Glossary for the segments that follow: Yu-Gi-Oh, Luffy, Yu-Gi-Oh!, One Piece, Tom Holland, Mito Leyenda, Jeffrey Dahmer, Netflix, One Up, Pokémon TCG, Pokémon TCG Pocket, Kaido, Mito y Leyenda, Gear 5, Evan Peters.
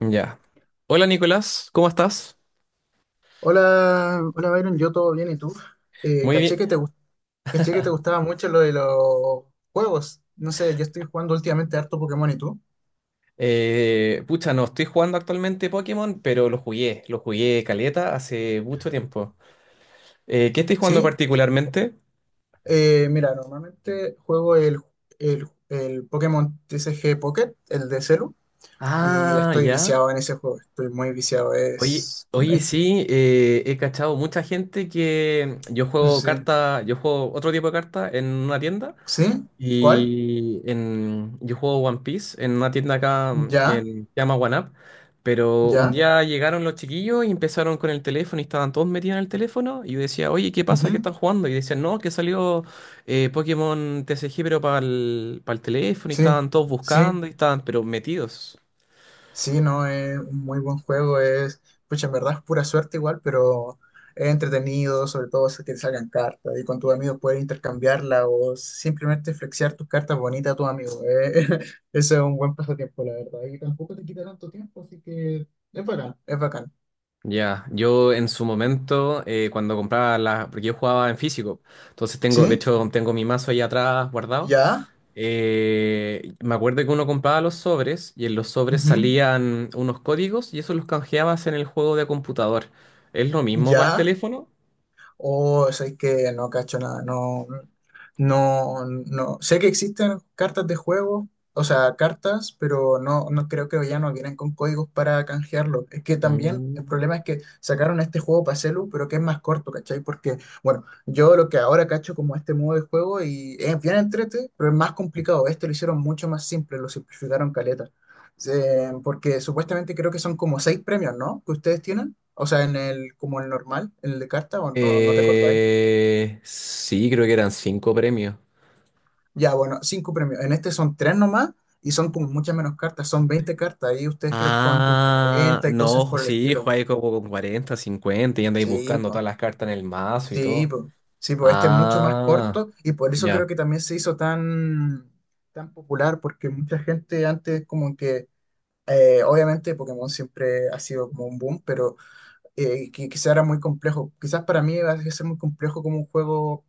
Ya. Hola Nicolás, ¿cómo estás? Hola, hola Byron, yo todo bien, ¿y tú? Eh, Muy caché bien. que te, gust- caché que te gustaba mucho lo de los juegos. No sé, yo estoy jugando últimamente harto Pokémon, ¿y tú? Pucha, no estoy jugando actualmente Pokémon, pero lo jugué caleta hace mucho tiempo. ¿Qué estoy jugando ¿Sí? particularmente? Mira, normalmente juego el Pokémon TCG Pocket, el de Celu, y Ah, estoy ya. viciado en ese juego, estoy muy viciado. Oye, oye, sí, he cachado mucha gente que yo juego Sí, carta, yo juego otro tipo de carta en una tienda. ¿sí? ¿Cuál? Yo juego One Piece en una tienda acá, ¿Ya? Se llama One Up, pero un ¿Ya? día llegaron los chiquillos y empezaron con el teléfono y estaban todos metidos en el teléfono y yo decía, oye, ¿qué pasa? Ujú. ¿Qué están jugando? Y decían, no, que salió, Pokémon TCG, pero para el teléfono, y Sí, estaban todos sí. buscando y estaban pero metidos. Sí, no, es un muy buen juego, pucha, en verdad es pura suerte igual, pero es entretenido, sobre todo si te salgan cartas y con tus amigos puedes intercambiarla o simplemente flexear tus cartas bonitas a tus amigos. Eso es un buen pasatiempo, la verdad, y tampoco te quita tanto tiempo, así que es bacán, es bacán. Ya. Yo en su momento, cuando compraba las, porque yo jugaba en físico, entonces tengo, de ¿Sí? hecho tengo mi mazo ahí atrás guardado. ¿Ya? Me acuerdo que uno compraba los sobres y en los sobres Ujú. salían unos códigos y eso los canjeabas en el juego de computador. ¿Es lo mismo para el ¿Ya? teléfono? O sabéis que no cacho nada, no, no, no. Sé que existen cartas de juego, o sea, cartas, pero no, no creo que ya no vienen con códigos para canjearlo. Es que también el Mm. problema es que sacaron este juego para celu, pero que es más corto, ¿cachai? Porque, bueno, yo lo que ahora cacho como este modo de juego y es bien entrete, pero es más complicado. Este lo hicieron mucho más simple, lo simplificaron caleta. Porque supuestamente creo que son como seis premios, ¿no? Que ustedes tienen. O sea, en el, como el normal, en el de carta, o no, no te acordáis. Sí, creo que eran cinco premios. Ya, bueno, cinco premios. En este son tres nomás y son como muchas menos cartas, son 20 cartas. Ahí ustedes creo que juegan con Ah, 40 y cosas no, por el sí, estilo. jugáis como con 40, 50 y andáis Sí, buscando pues, todas las cartas en el mazo y sí, todo. pues, sí, pues, este es mucho más Ah, corto y por eso creo ya. que también se hizo tan, tan popular, porque mucha gente antes como que, obviamente Pokémon siempre ha sido como un boom, pero que quizá era muy complejo. Quizás para mí va a ser muy complejo como un juego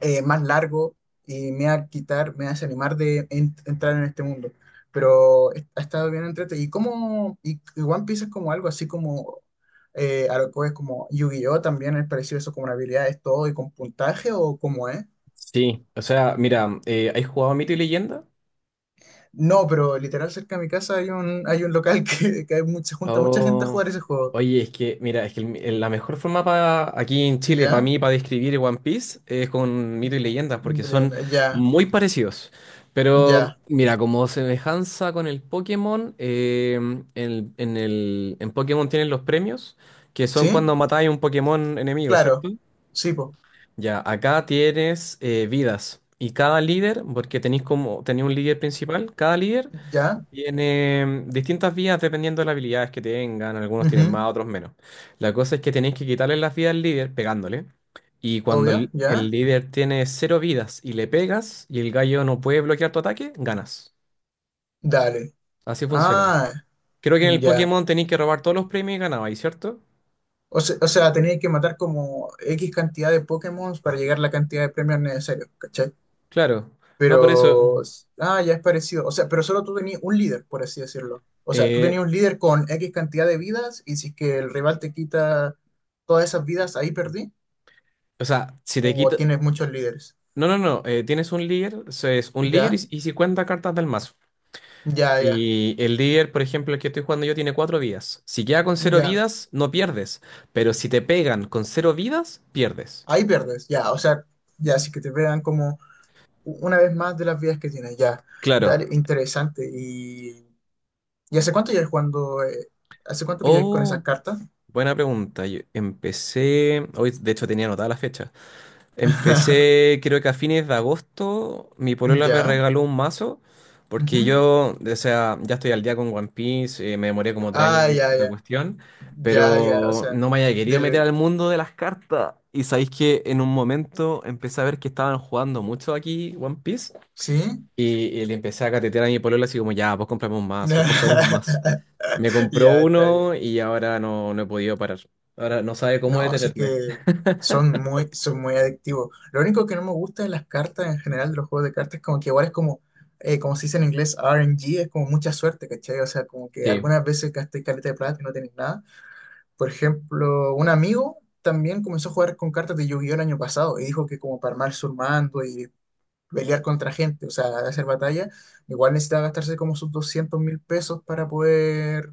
más largo y me va a desanimar de entrar en este mundo. Pero ha estado bien entretenido. ¿Y cómo? Y One Piece es como algo así como a lo que es como Yu-Gi-Oh! También es parecido eso, como una habilidad es todo y con puntaje o cómo es. Sí, o sea, mira, ¿has jugado a Mito y Leyenda? No, pero literal cerca de mi casa hay un local que se junta mucha gente a Oh, jugar ese juego. oye, es que, mira, es que la mejor forma para aquí en Chile, para ¿Ya? mí, para describir One Piece es con mito y leyendas, porque son Adriana, ya, muy parecidos. Pero, ya. mira, como semejanza con el Pokémon, en Pokémon tienen los premios, que son ¿Sí? cuando matáis un Pokémon enemigo, Claro. ¿cierto? Sí, po. Ya, acá tienes, vidas. Y cada líder, porque tenéis un líder principal, cada líder ¿Ya? tiene, distintas vías dependiendo de las habilidades que tengan, algunos tienen Ujú. más, otros menos. La cosa es que tenéis que quitarle las vidas al líder pegándole. Y cuando Obvio, el ¿ya? líder tiene cero vidas y le pegas y el gallo no puede bloquear tu ataque, ganas. Dale. Así funciona. Ah, Creo que en el ya. Pokémon tenéis que robar todos los premios y ganabais, ¿cierto? O sea, tenéis que matar como X cantidad de Pokémon para llegar a la cantidad de premios necesarios, ¿cachai? Claro. No, por eso. Pero, ah, ya es parecido. O sea, pero solo tú tenías un líder, por así decirlo. O sea, tú eh, tenías un líder con X cantidad de vidas y si es que el rival te quita todas esas vidas, ahí perdí. o sea, si te O quito. tienes muchos líderes. No, no, no. Tienes un líder, eso es un líder, y, Ya, y 50 cartas del mazo. ya, ya, Y el líder, por ejemplo, el que estoy jugando yo, tiene cuatro vidas. Si queda con cero ya. vidas, no pierdes. Pero si te pegan con cero vidas, pierdes. Ahí pierdes, ya. O sea, ya, así que te vean como una vez más de las vidas que tienes, ya. Claro. Dale, interesante. ¿Y hace cuánto ya jugando? ¿Hace cuánto que ya con esas Oh, cartas? buena pregunta. Yo empecé. Hoy, de hecho, tenía anotada la fecha. Empecé, creo que a fines de agosto, mi polola me ¿Ya? regaló un mazo, porque Ujú. yo, o sea, ya estoy al día con One Piece, me demoré como 3 años Ah, en ver ya, la ya. cuestión, Ya, ya, o pero sea, no me había querido meter del... al mundo de las cartas. Y sabéis que en un momento empecé a ver que estaban jugando mucho aquí One Piece, ¿Sí? y, y le empecé a catetear a mi polola así como, ya, pues compramos un mazo, compramos un mazo. Me compró Ya, está bien. uno y ahora no, no he podido parar. Ahora no sabe cómo No, sí detenerme. que son muy adictivos. Lo único que no me gusta de las cartas en general, de los juegos de cartas, es como que igual es como, como se dice en inglés, RNG, es como mucha suerte, ¿cachai? O sea, como que Sí. algunas veces gasté caleta de plata y no tenés nada. Por ejemplo, un amigo también comenzó a jugar con cartas de Yu-Gi-Oh! El año pasado y dijo que como para armar su mando y pelear contra gente, o sea, hacer batalla, igual necesitaba gastarse como sus 200.000 pesos para poder,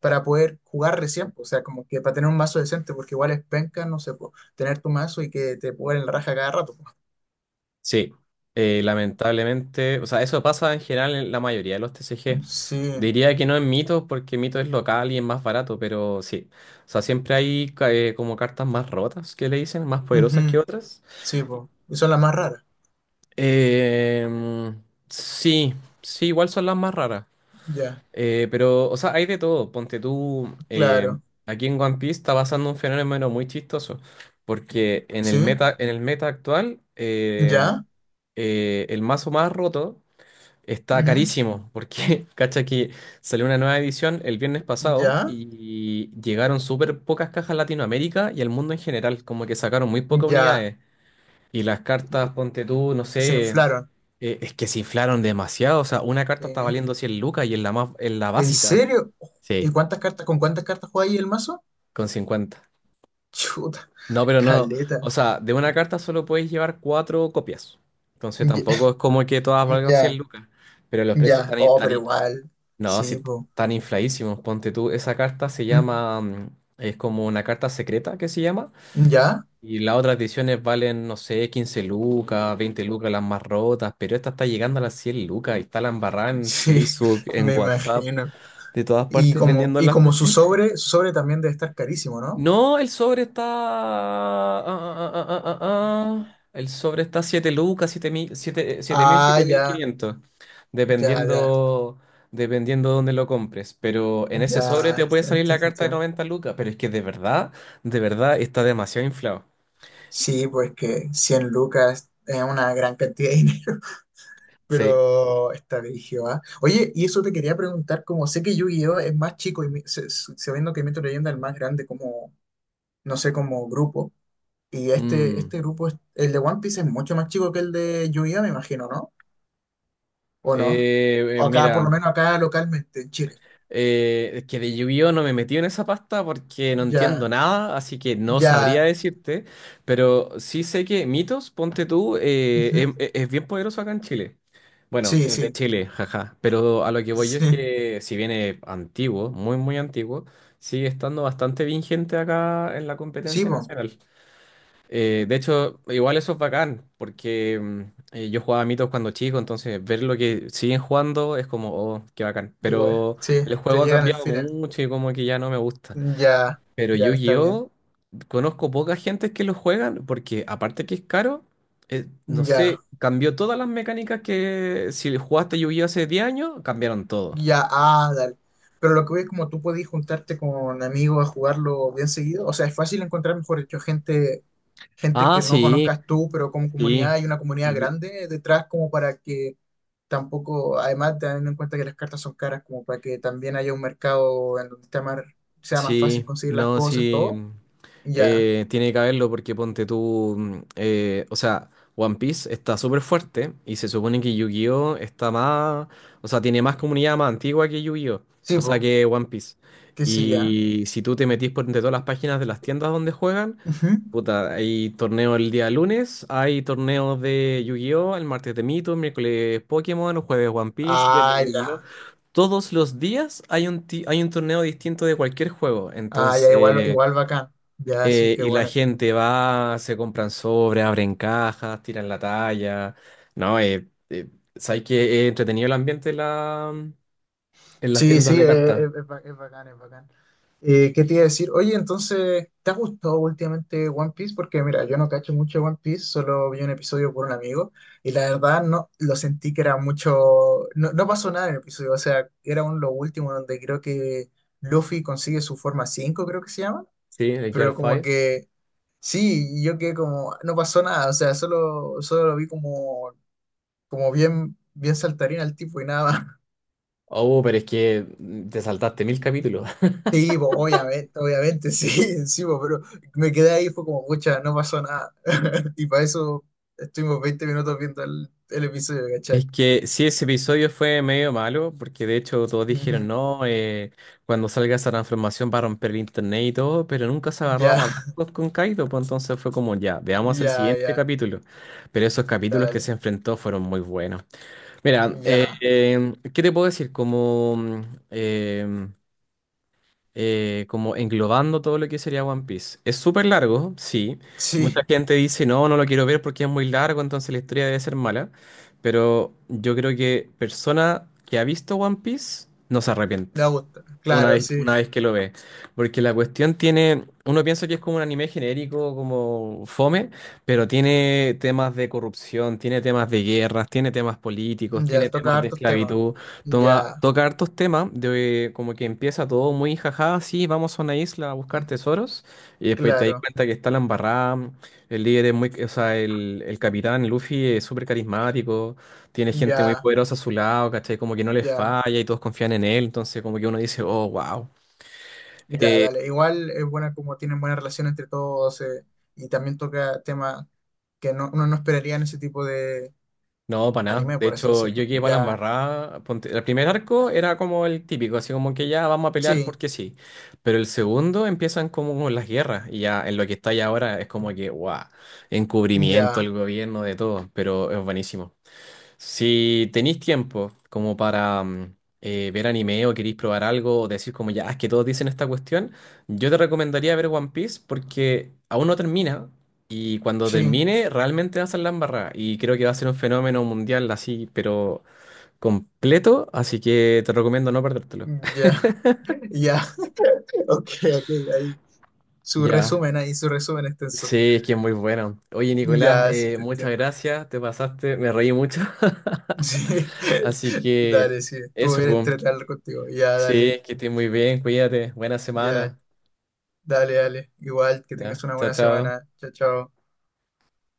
jugar recién, pues, o sea, como que para tener un mazo decente, porque igual es penca, no sé, po, tener tu mazo y que te puedan la raja cada rato. Po. Sí, lamentablemente, o sea, eso pasa en general en la mayoría de los TCG. Sí, Diría que no en Mito, porque Mito es local y es más barato, pero sí. O sea, siempre hay como cartas más rotas, que le dicen, más poderosas que ujú, otras. sí, po. Y son las más raras. Em, sí, sí, igual son las más raras. Ya, Pero, o sea, hay de todo. Ponte tú, claro. aquí en One Piece está pasando un fenómeno muy chistoso, porque en el Sí, meta, en el meta actual, ya, el mazo más roto está ujú, carísimo, porque cacha que salió una nueva edición el viernes pasado ya, y llegaron súper pocas cajas a Latinoamérica y al mundo en general, como que sacaron muy pocas ya, unidades. Y las cartas, ponte tú, no se sé, inflaron. Es que se inflaron demasiado, o sea, una Sí. carta está valiendo 100 lucas y en la ¿En básica, serio? ¿Y sí, cuántas cartas, con cuántas cartas juega ahí el mazo? con cincuenta. Chuta, No, pero no, o caleta. sea, de una carta solo puedes llevar cuatro copias, entonces Ya, tampoco es como que todas valgan 100 ya, lucas, pero los precios ya. Oh, pero igual. no, si Sí, po. están infladísimos, ponte tú. Esa carta se ¿Mm? llama, es como una carta secreta que se llama. ¿Ya? Y las otras ediciones valen, no sé, 15 lucas, 20 lucas las más rotas, pero esta está llegando a las 100 lucas y está la embarrada en Sí, Facebook, en me WhatsApp, imagino. de todas partes vendiendo Y las como cuestiones. Su sobre también debe estar carísimo, ¿no? No, el sobre está. Ah. Ah. El sobre está 7 lucas, 7.000 7, 7.000, Ah, ya, 7.500. ya, ya, Dependiendo, dependiendo dónde lo compres. Pero en ese sobre te ya, puede salir la se carta de entiende. 90 lucas. Pero es que de verdad está demasiado inflado. Sí, pues que 100 lucas es una gran cantidad de dinero. Sí. Pero está dirigido a... Oye, y eso te quería preguntar, como sé que Yu-Gi-Oh es más chico y sabiendo que Mito Leyenda es el más grande como, no sé, como grupo, y este, Mm. este grupo, el de One Piece es mucho más chico que el de Yu-Gi-Oh, me imagino, ¿no? ¿O no? O acá, por Mira. lo menos acá localmente, en Chile. Es que de Yu-Gi-Oh no me metí en esa pasta porque no entiendo Ya, nada, así que no sabría ya. decirte, pero sí sé que Mitos, ponte tú, Ujú. Es bien poderoso acá en Chile. Bueno, Sí, es de sí, Chile, jaja, pero a lo que voy yo es sí. que si viene antiguo, muy muy antiguo, sigue estando bastante vigente acá en la Sí, competencia po, nacional. De hecho, igual eso es bacán, porque yo jugaba mitos cuando chico, entonces ver lo que siguen jugando es como, oh, qué bacán. igual. Pero Sí, el te juego ha llegan el cambiado feeling. mucho y como que ya no me gusta. Ya, Pero ya está bien. Yu-Gi-Oh, conozco poca gente que lo juegan, porque aparte que es caro, no Ya. sé, cambió todas las mecánicas que si jugaste Yu-Gi-Oh hace 10 años, cambiaron todo. Ya, ah, dale. Pero lo que voy es como tú podés juntarte con amigos a jugarlo bien seguido. O sea, es fácil encontrar, mejor dicho, gente, gente Ah, que no sí. conozcas tú, pero como comunidad Sí. hay una comunidad grande detrás como para que tampoco, además teniendo en cuenta que las cartas son caras, como para que también haya un mercado en donde sea más fácil Sí, conseguir las no, cosas, sí, todo. Ya, tiene que haberlo porque ponte tú, o sea, One Piece está súper fuerte y se supone que Yu-Gi-Oh está más, o sea, tiene más comunidad más antigua que Yu-Gi-Oh, sí, o pues, sea, que One Piece. que sí, ya. Y si tú te metís por entre todas las páginas de las tiendas donde juegan, Ujú. puta, hay torneo el día lunes, hay torneos de Yu-Gi-Oh el martes, de Mito miércoles, Pokémon jueves, One Piece viernes, Ah, Yu-Gi-Oh. ya. Todos los días hay un torneo distinto de cualquier juego. Ah, ya, igual, Entonces, igual bacán. Ya, sí, qué y la bueno. gente va, se compran sobres, abren cajas, tiran la talla. No, sabes que es entretenido el ambiente en las Sí, tiendas sí, de cartas, es bacán, es bacán. ¿Qué te iba a decir? Oye, entonces, ¿te ha gustado últimamente One Piece? Porque mira, yo no cacho mucho One Piece, solo vi un episodio por un amigo y la verdad no lo sentí que era mucho, no, no pasó nada en el episodio, o sea, era un lo último donde creo que Luffy consigue su forma 5, creo que se llama, ¿sí? De Gear pero como 5. que sí, yo que como, no pasó nada, o sea, solo lo vi como, bien, bien saltarín al tipo y nada. Oh, pero es que te saltaste 1.000 capítulos. Sí, po, obviamente, obviamente, sí, encima, pero me quedé ahí, fue como, pucha, no pasó nada. Y para eso estuvimos 20 minutos viendo el episodio, Es ¿cachai? que sí, ese episodio fue medio malo, porque de hecho todos Ujú. dijeron, no, cuando salga esa transformación va a romper el internet y todo, pero nunca se agarró a Ya, madrazos con Kaido, pues entonces fue como, ya, veamos el ya, siguiente ya, capítulo. Pero esos capítulos que se dale, enfrentó fueron muy buenos. Mira, ya, ¿qué te puedo decir? Eh, como englobando todo lo que sería One Piece. Es súper largo, sí. Mucha sí, gente dice, no, no lo quiero ver porque es muy largo, entonces la historia debe ser mala. Pero yo creo que persona que ha visto One Piece no se arrepiente me gusta, una claro, vez, sí, una vez que lo ve. Porque la cuestión tiene, uno piensa que es como un anime genérico, como fome, pero tiene temas de corrupción, tiene temas de guerras, tiene temas políticos, tiene ya, toca temas de hartos temas, esclavitud, ya, toca hartos temas, de como que empieza todo muy jajá, sí, vamos a una isla a buscar tesoros, y después te das claro, cuenta que está la embarrada, el líder es muy, o sea, el capitán Luffy es súper carismático, tiene gente muy ya, poderosa a su lado, ¿cachai? Como que no les ya, falla y todos confían en él, entonces como que uno dice, oh, wow. ya, Eh, dale. Igual es buena como tienen buena relación entre todos y también toca temas que no, uno no esperaría en ese tipo de no, para nada. anime, De por así hecho, yo decirlo. llegué para la Ya, embarrada. El primer arco era como el típico, así como que ya vamos a pelear sí, porque sí. Pero el segundo empiezan como con las guerras y ya en lo que está ahí ahora es como que, wow, encubrimiento ya, al gobierno de todo, pero es buenísimo. Si tenéis tiempo como para ver anime o queréis probar algo o decir como, ya, es que todos dicen esta cuestión, yo te recomendaría ver One Piece porque aún no termina y cuando sí, termine realmente va a ser la embarrada y creo que va a ser un fenómeno mundial así, pero completo, así que te recomiendo no perdértelo. ya, ya, ok, ok, ahí, Ya. Ahí, su resumen extenso. Sí, es que es muy bueno. Oye, Nicolás, Ya, sí, te muchas entiendo. gracias, te pasaste, me reí mucho. Sí, Así que dale, sí, estuvo eso, bien po. entretener contigo. Sí, que estés muy bien, cuídate, buena Ya, semana. dale, dale. Igual, que tengas Ya, una chao, buena chao. semana. Chao, chao.